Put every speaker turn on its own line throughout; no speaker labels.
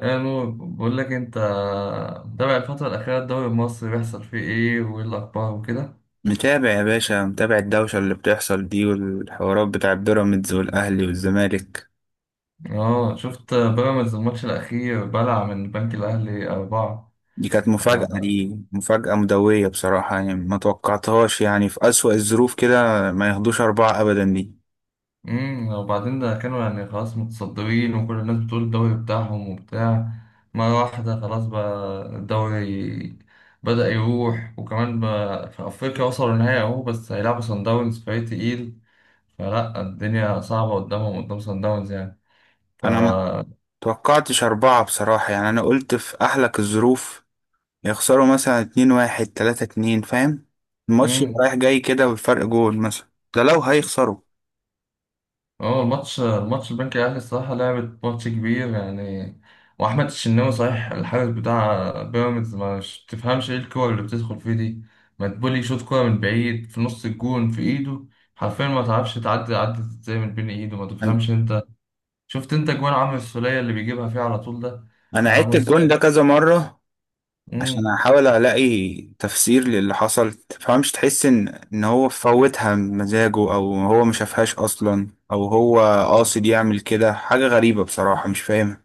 ايه مو بقول لك انت متابع الفترة الأخيرة الدوري المصري بيحصل فيه ايه وايه الأخبار وكده.
متابع يا باشا، متابع الدوشة اللي بتحصل دي والحوارات بتاع بيراميدز والأهلي والزمالك.
اه شفت بيراميدز الماتش الأخير بلع من البنك الأهلي أربعة.
دي كانت مفاجأة، دي مفاجأة مدوية بصراحة، يعني ما توقعتهاش، يعني في أسوأ الظروف كده ما ياخدوش أربعة أبدا. دي
وبعدين ده كانوا يعني خلاص متصدرين وكل الناس بتقول الدوري بتاعهم وبتاع، مرة واحدة خلاص بقى الدوري بدأ يروح. وكمان بقى في أفريقيا وصلوا النهائي أهو، بس هيلعبوا صن داونز فريق تقيل، فلا الدنيا صعبة قدامهم قدام صن داونز يعني. ف
أنا ما توقعتش أربعة بصراحة، يعني أنا قلت في أحلك الظروف يخسروا مثلا 2-1، 3-2، فاهم؟ الماتش يبقى رايح جاي كده والفرق جول مثلا، ده لو هيخسروا.
هو الماتش البنك الاهلي الصراحه لعبت ماتش كبير يعني. واحمد الشناوي صحيح الحارس بتاع بيراميدز ما ش- تفهمش ايه الكور اللي بتدخل فيه دي. مدبولي يشوط كوره من بعيد في نص الجون في ايده حرفيا، ما تعرفش تعدي عدت ازاي من بين ايده، ما
أنا
تفهمش انت. شفت انت جوان عمرو السوليه اللي بيجيبها فيه على طول ده؟
أنا عدت
عمرو
الجون ده كذا مرة عشان
السوليه.
احاول الاقي تفسير للي حصل. تفهمش، تحس ان هو فوتها بمزاجه، او هو ما شافهاش اصلا، او هو قاصد يعمل كده. حاجة غريبة بصراحة، مش فاهمها.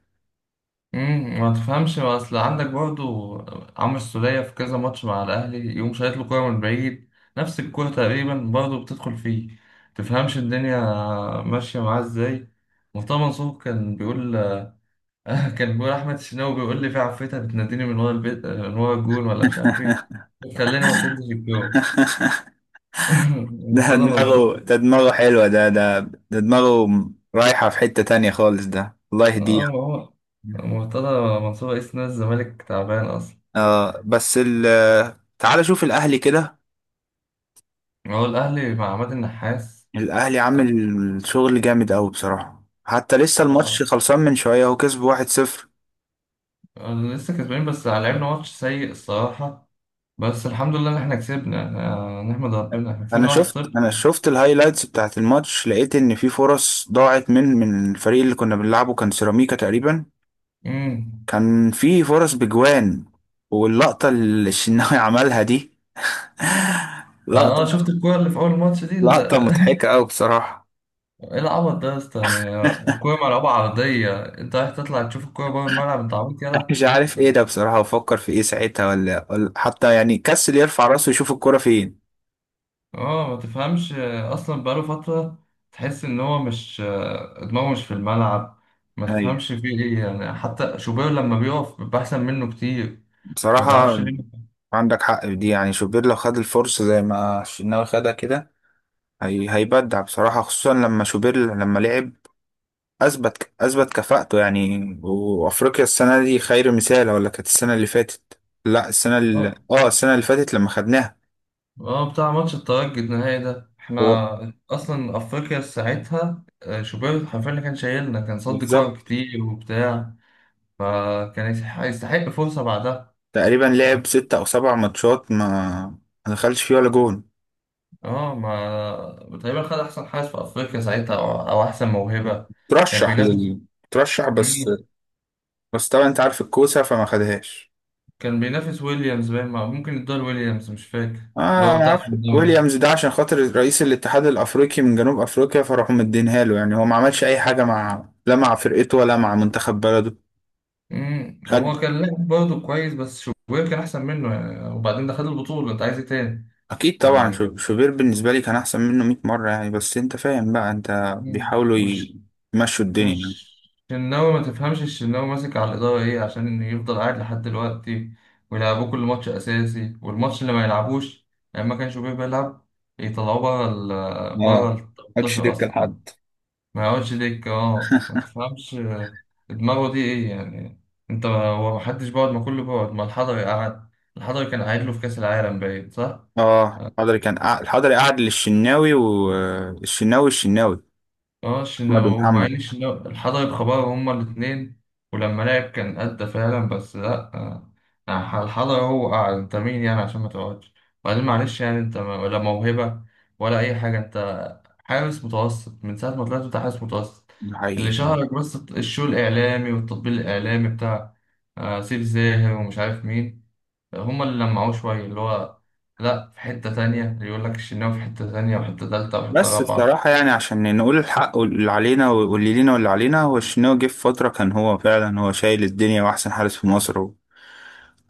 ما تفهمش، ما اصل عندك برضو عمرو السولية في كذا ماتش مع الاهلي يقوم شايط له كوره من بعيد، نفس الكوره تقريبا برضو بتدخل فيه. تفهمش الدنيا ماشيه معاه ازاي. مرتضى منصور كان بيقول كان بيقول احمد الشناوي بيقول لي في عفريتة بتناديني من ورا البيت من ورا الجون ولا مش عارف ايه، خلاني ما اصدش الكوره.
ده
مرتضى
دماغه،
منصور.
ده دماغه حلوة، ده دماغه رايحة في حتة تانية خالص. ده الله
اه،
يهديه.
ما هو مرتضى منصور رئيس نادي الزمالك تعبان اصلا.
آه، بس تعال شوف الأهلي كده.
هو الاهلي مع عماد النحاس.
الأهلي
اه.
عامل شغل جامد أوي بصراحة. حتى لسه الماتش
آه.
خلصان من شوية، هو كسب 1-0.
أنا لسه كسبانين بس لعبنا ماتش سيء الصراحة، بس الحمد لله إن إحنا كسبنا. آه، نحمد ربنا إحنا
انا
كسبنا واحد
شفت،
صفر
انا شفت الهايلايتس بتاعت الماتش، لقيت ان في فرص ضاعت من الفريق اللي كنا بنلعبه، كان سيراميكا تقريبا.
أمم.
كان في فرص بجوان، واللقطة اللي الشناوي عملها دي
آه
لقطة،
شفت الكورة اللي في أول ماتش دي
لقطة مضحكة أوي بصراحة.
إيه العبط ده يا اسطى؟ يعني الكورة ملعوبة عرضية أنت رايح تطلع تشوف الكورة بره الملعب، أنت عبيط يلا.
مش عارف ايه ده بصراحة، وفكر في ايه ساعتها، ولا حتى يعني كسل يرفع راسه يشوف الكرة فين.
اه ما تفهمش آه، اصلا بقاله فترة تحس ان هو مش آه، دماغه مش في الملعب. ما
ايوه،
تفهمش فيه ايه يعني، حتى شوبير لما بيقف بيبقى احسن منه كتير. ما تعرفش
بصراحة
ليه.
عندك حق في دي، يعني شوبير لو خد الفرصة زي ما الشناوي خدها كده، هي هيبدع بصراحة. خصوصا لما شوبير لما لعب اثبت كفاءته، يعني وافريقيا السنه دي خير مثال، ولا كانت السنه اللي فاتت. لا، السنه اللي
آه.
اه، السنه اللي فاتت لما خدناها.
اه بتاع ماتش الترجي النهائي ده
هو
احنا اصلا افريقيا ساعتها آه، شوبير حرفيا اللي كان شايلنا، كان صد كور
بالظبط.
كتير وبتاع، فكان يستحق فرصة بعدها.
تقريبا لعب 6 أو 7 ماتشات، ما دخلش فيه ولا جون.
اه، ما تقريبا خد احسن حارس في افريقيا ساعتها أو احسن موهبة. كان
ترشح
بينافس.
لل ترشح، بس
مم.
بس طبعا انت عارف الكوسه، فما خدهاش.
كان بينافس ويليامز باين، ممكن يدور ويليامز مش فاكر،
اه،
اللي هو
ما
بتاع
اعرفش
سان داونز.
ويليامز ده، عشان خاطر رئيس الاتحاد الافريقي من جنوب افريقيا فراحوا مدينها له، يعني هو ما عملش اي حاجه، مع لا مع فرقته ولا مع منتخب بلده.
مم.
خد
هو كان لاعب برضه كويس بس شوبير كان احسن منه يعني، وبعدين ده خد البطولة انت عايز ايه تاني؟
اكيد طبعا،
آه.
شوبير بالنسبه لي كان احسن منه 100 مره يعني. بس انت فاهم بقى، انت
مم.
بيحاولوا يمشوا الدنيا يعني.
مش الشناوي، ما تفهمش الشناوي ماسك على الإدارة إيه عشان يفضل قاعد لحد دلوقتي ويلعبوه كل ماتش أساسي، والماتش اللي ما يلعبوش لما كان شوبير بيلعب يطلعوه بره ال
اه، محدش
18
يركب
أصلا ده.
لحد.
ما يقعدش دكة. أه ما تفهمش دماغه دي إيه يعني. أنت هو ما حدش بيقعد؟ ما كله بيقعد، ما الحضري قعد، الحضري كان قاعد له في كأس العالم باين، صح؟
اه، حضري كان الحضري قعد للشناوي، والشناوي، الشناوي
اه
احمد
شنا
ومحمد.
ومعين، شنا حضر خبر، هما الاتنين. ولما لعب كان أدى فعلا بس لأ، آه، الحضر هو قاعد، أنت مين يعني عشان ما تقعدش؟ وبعدين معلش يعني أنت ولا موهبة ولا أي حاجة، أنت حارس متوسط من ساعة ما طلعت، أنت حارس متوسط
ده
اللي
حقيقي.
شهرك بس الشو الإعلامي والتطبيل الإعلامي بتاع آه، سيف زاهر ومش عارف مين، هما اللي لمعوه شوية اللي هو. لأ، في حتة تانية، اللي يقول لك الشناوي في حتة تانية وحتة تالتة وحتة
بس
رابعة.
الصراحه يعني عشان نقول الحق، واللي علينا واللي لينا واللي علينا، هو الشناوي جه في فتره كان هو فعلا هو شايل الدنيا واحسن حارس في مصر، و...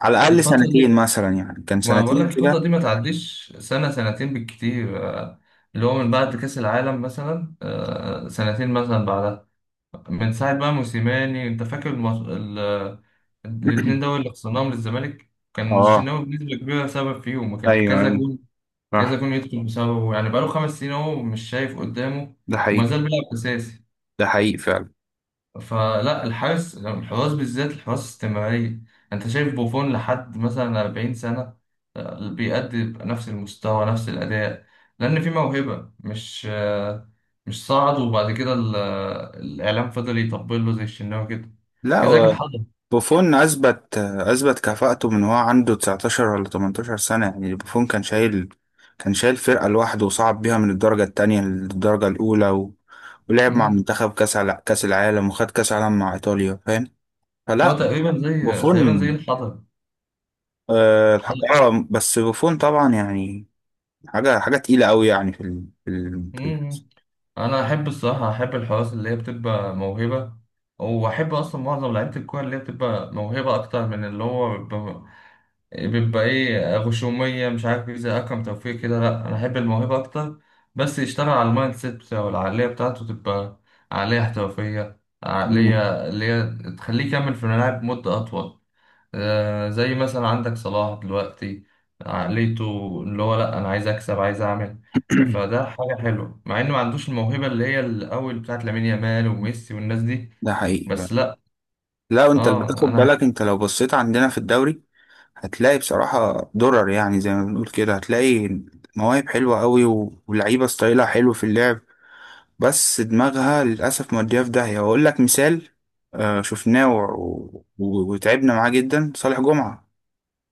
على الاقل
الفترة
سنتين
دي،
مثلا، يعني كان
ما بقول لك
سنتين
الفترة
كده.
دي ما تعديش سنة سنتين بالكتير آه، اللي هو من بعد كأس العالم مثلا آه، سنتين مثلا بعدها، من ساعة بقى موسيماني. انت فاكر الاتنين دول اللي خسرناهم للزمالك؟ كان
اه،
الشناوي بنسبة كبيرة سبب فيهم، وكان
ايوه
كذا
ايوه
جول
صح.
يدخل بسببه يعني. بقاله 5 سنين اهو مش شايف قدامه،
ده
وما
حقيقي،
زال بيلعب أساسي.
ده حقيقي فعلا.
فلا الحارس، الحراس بالذات الحراس استمرارية. انت شايف بوفون لحد مثلا 40 سنة آه، بيأدي بنفس المستوى نفس الأداء، لأن في موهبة، مش آه، مش صعد وبعد كده آه، الإعلام فضل يطبل له زي الشناوي كده.
لا
كذلك
هو
الحضر.
بوفون اثبت كفاءته من هو عنده 19 ولا 18 سنه، يعني بوفون كان شايل فرقه لوحده، وصعد بيها من الدرجه الثانيه للدرجه الاولى، و... ولعب مع
مم.
منتخب كاس على كاس العالم، وخد كاس العالم مع ايطاليا، فاهم؟
هو
فلا،
تقريبا زي تقريبا
بوفون
زي الحضر،
آه،
الحضر.
بس بوفون طبعا يعني حاجه، حاجه تقيله قوي يعني
مم. أنا أحب الصراحة أحب الحراس اللي هي بتبقى موهبة، وأحب أصلا معظم لعيبة الكورة اللي هي بتبقى موهبة أكتر من اللي هو بيبقى ايه، غشومية مش عارف ايه زي أكرم توفيق كده. لأ أنا أحب الموهبة أكتر، بس يشتغل على المايند سيت بتاعه، العقلية بتاعته تبقى عقلية احترافية،
مم.
عقلية اللي هي تخليه يكمل في الملاعب مدة أطول. آه زي مثلا عندك صلاح دلوقتي، عقليته اللي هو لأ أنا عايز أكسب عايز أعمل. فده حاجة حلوة مع إنه ما عندوش الموهبة اللي هي الأول بتاعت لامين يامال وميسي والناس دي.
ده حقيقي فعلا.
بس لأ.
لا انت اللي
آه.
بتاخد
أنا.
بالك، انت لو بصيت عندنا في الدوري هتلاقي بصراحة درر، يعني زي ما بنقول كده. هتلاقي مواهب حلوة قوي ولعيبة ستايلها حلو في اللعب، بس دماغها للأسف مودية في داهية. وأقول لك مثال، آه، شفناه و- و- وتعبنا معاه جدا، صالح جمعة.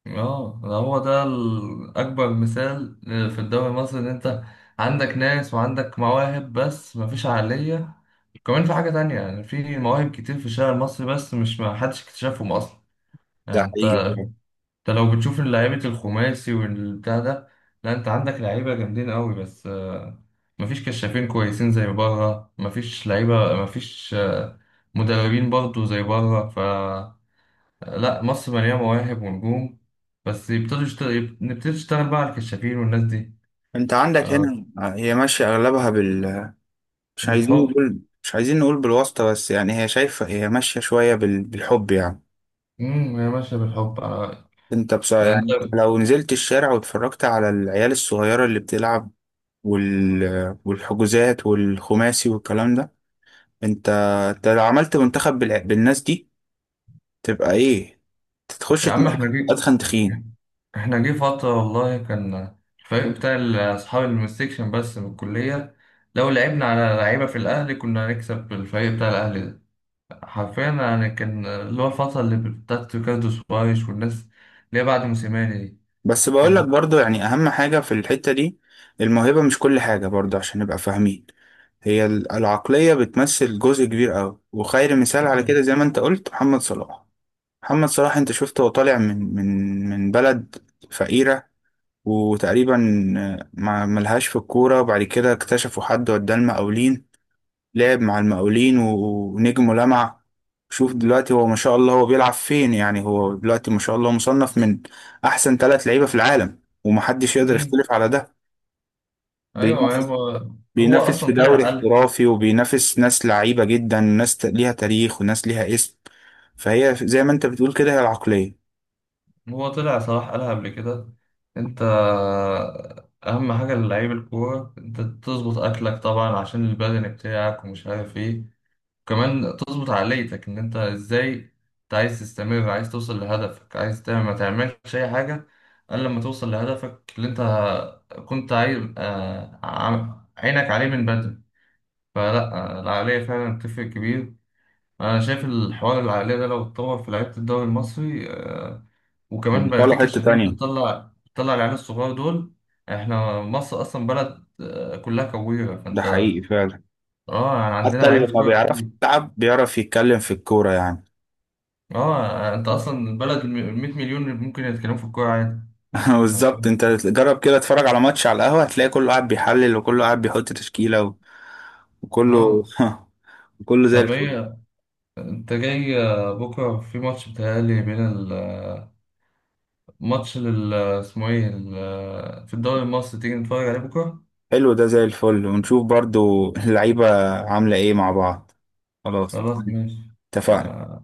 اه ده هو ده اكبر مثال في الدوري المصري ان انت عندك ناس وعندك مواهب بس مفيش عقلية. كمان في حاجة تانية، يعني في مواهب كتير في الشارع المصري بس مش ما حدش اكتشفهم اصلا.
ده
يعني انت
حقيقي فعلا.
انت لو بتشوف لعيبة الخماسي والبتاع ده، لا انت عندك لعيبة جامدين قوي، بس آه، مفيش كشافين كويسين زي بره، مفيش لعيبة، مفيش آه، مدربين برضو زي بره. لا مصر مليانة مواهب ونجوم، بس يبتدوا يشتغل نبتدي نشتغل بقى على الكشافين والناس دي.
أنت عندك
آه،
هنا آه، هي ماشية أغلبها مش عايزين
بالحب.
نقول، مش عايزين نقول بالواسطة، بس يعني هي شايفة، هي ماشية شوية بالحب يعني.
هي ماشية بالحب. أنا.
أنت بصراحة يعني، أنت
أنت.
لو نزلت الشارع واتفرجت على العيال الصغيرة اللي بتلعب والحجوزات والخماسي والكلام ده، انت انت لو عملت منتخب بالناس دي، تبقى ايه. تخش
يا عم احنا
تنافس
جي،
ادخن تخين.
احنا جه فترة والله كان الفريق بتاع أصحاب المستكشن بس من الكلية، لو لعبنا على لعيبة في الأهلي كنا هنكسب الفريق بتاع الأهلي ده حرفيا يعني. كان اللي هو الفترة اللي بتاعت ريكاردو سوايش والناس اللي هي بعد موسيماني دي.
بس بقول لك
كان.
برضو يعني، اهم حاجة في الحتة دي، الموهبة مش كل حاجة برضو عشان نبقى فاهمين. هي العقلية بتمثل جزء كبير قوي، وخير مثال على كده زي ما انت قلت محمد صلاح. محمد صلاح انت شفته، هو طالع من بلد فقيرة، وتقريبا آه، ما ملهاش في الكورة، وبعد كده اكتشفوا حد وداه المقاولين، لعب مع المقاولين ونجم ولمع. شوف دلوقتي هو ما شاء الله هو بيلعب فين، يعني هو دلوقتي ما شاء الله مصنف من أحسن ثلاث لعيبة في العالم، ومحدش يقدر
آه.
يختلف على ده.
ايوه
بينافس
هو. هو
بينافس في
اصلا
دوري
طلع قالها،
احترافي، وبينافس ناس لعيبة جدا، ناس ليها تاريخ وناس ليها اسم. فهي زي ما انت بتقول كده، هي العقلية
هو طلع صلاح قالها قبل كده. انت اهم حاجه للعيب الكوره انت تظبط اكلك طبعا عشان البدن بتاعك ومش عارف ايه، وكمان تظبط عقليتك ان انت ازاي، انت عايز تستمر عايز توصل لهدفك، عايز تعمل ما تعملش اي حاجه الا لما توصل لهدفك اللي انت كنت عايز آه، عينك عليه من بدري. فلا آه، العقليه فعلا بتفرق كبير. انا شايف الحوار العقلية ده لو اتطور في لعيبة الدوري المصري آه، وكمان
يعني،
بقى في
طالعة حتة
كشافين
تانية.
بتطلع العيال الصغار دول، احنا مصر اصلا بلد آه، كلها كويرة
ده
فانت.
حقيقي فعلا.
اه يعني عندنا
حتى اللي
لعيبة
ما
كورة
بيعرفش
كتير.
يلعب بيعرف يتكلم في الكورة يعني.
اه انت اصلا البلد 100 مليون اللي ممكن يتكلموا في الكورة عادي.
بالظبط،
عارفين؟
انت جرب كده اتفرج على ماتش على القهوة، هتلاقي كله قاعد بيحلل وكله قاعد بيحط تشكيلة وكله
اه.
وكله زي
طب
الفل.
ايه، انت جاي آه، بكرة في ماتش بتهيألي بين آه، ماتش لل آه، اسمه ايه آه، في الدوري المصري، تيجي نتفرج عليه بكرة؟
حلو، ده زي الفل، ونشوف برضو اللعيبة عاملة ايه مع بعض. خلاص
خلاص
تمام.
ماشي،
اتفقنا.
آه،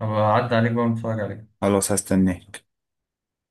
أبقى أعدي عليك بقى ونتفرج عليه.
خلاص، هستناك.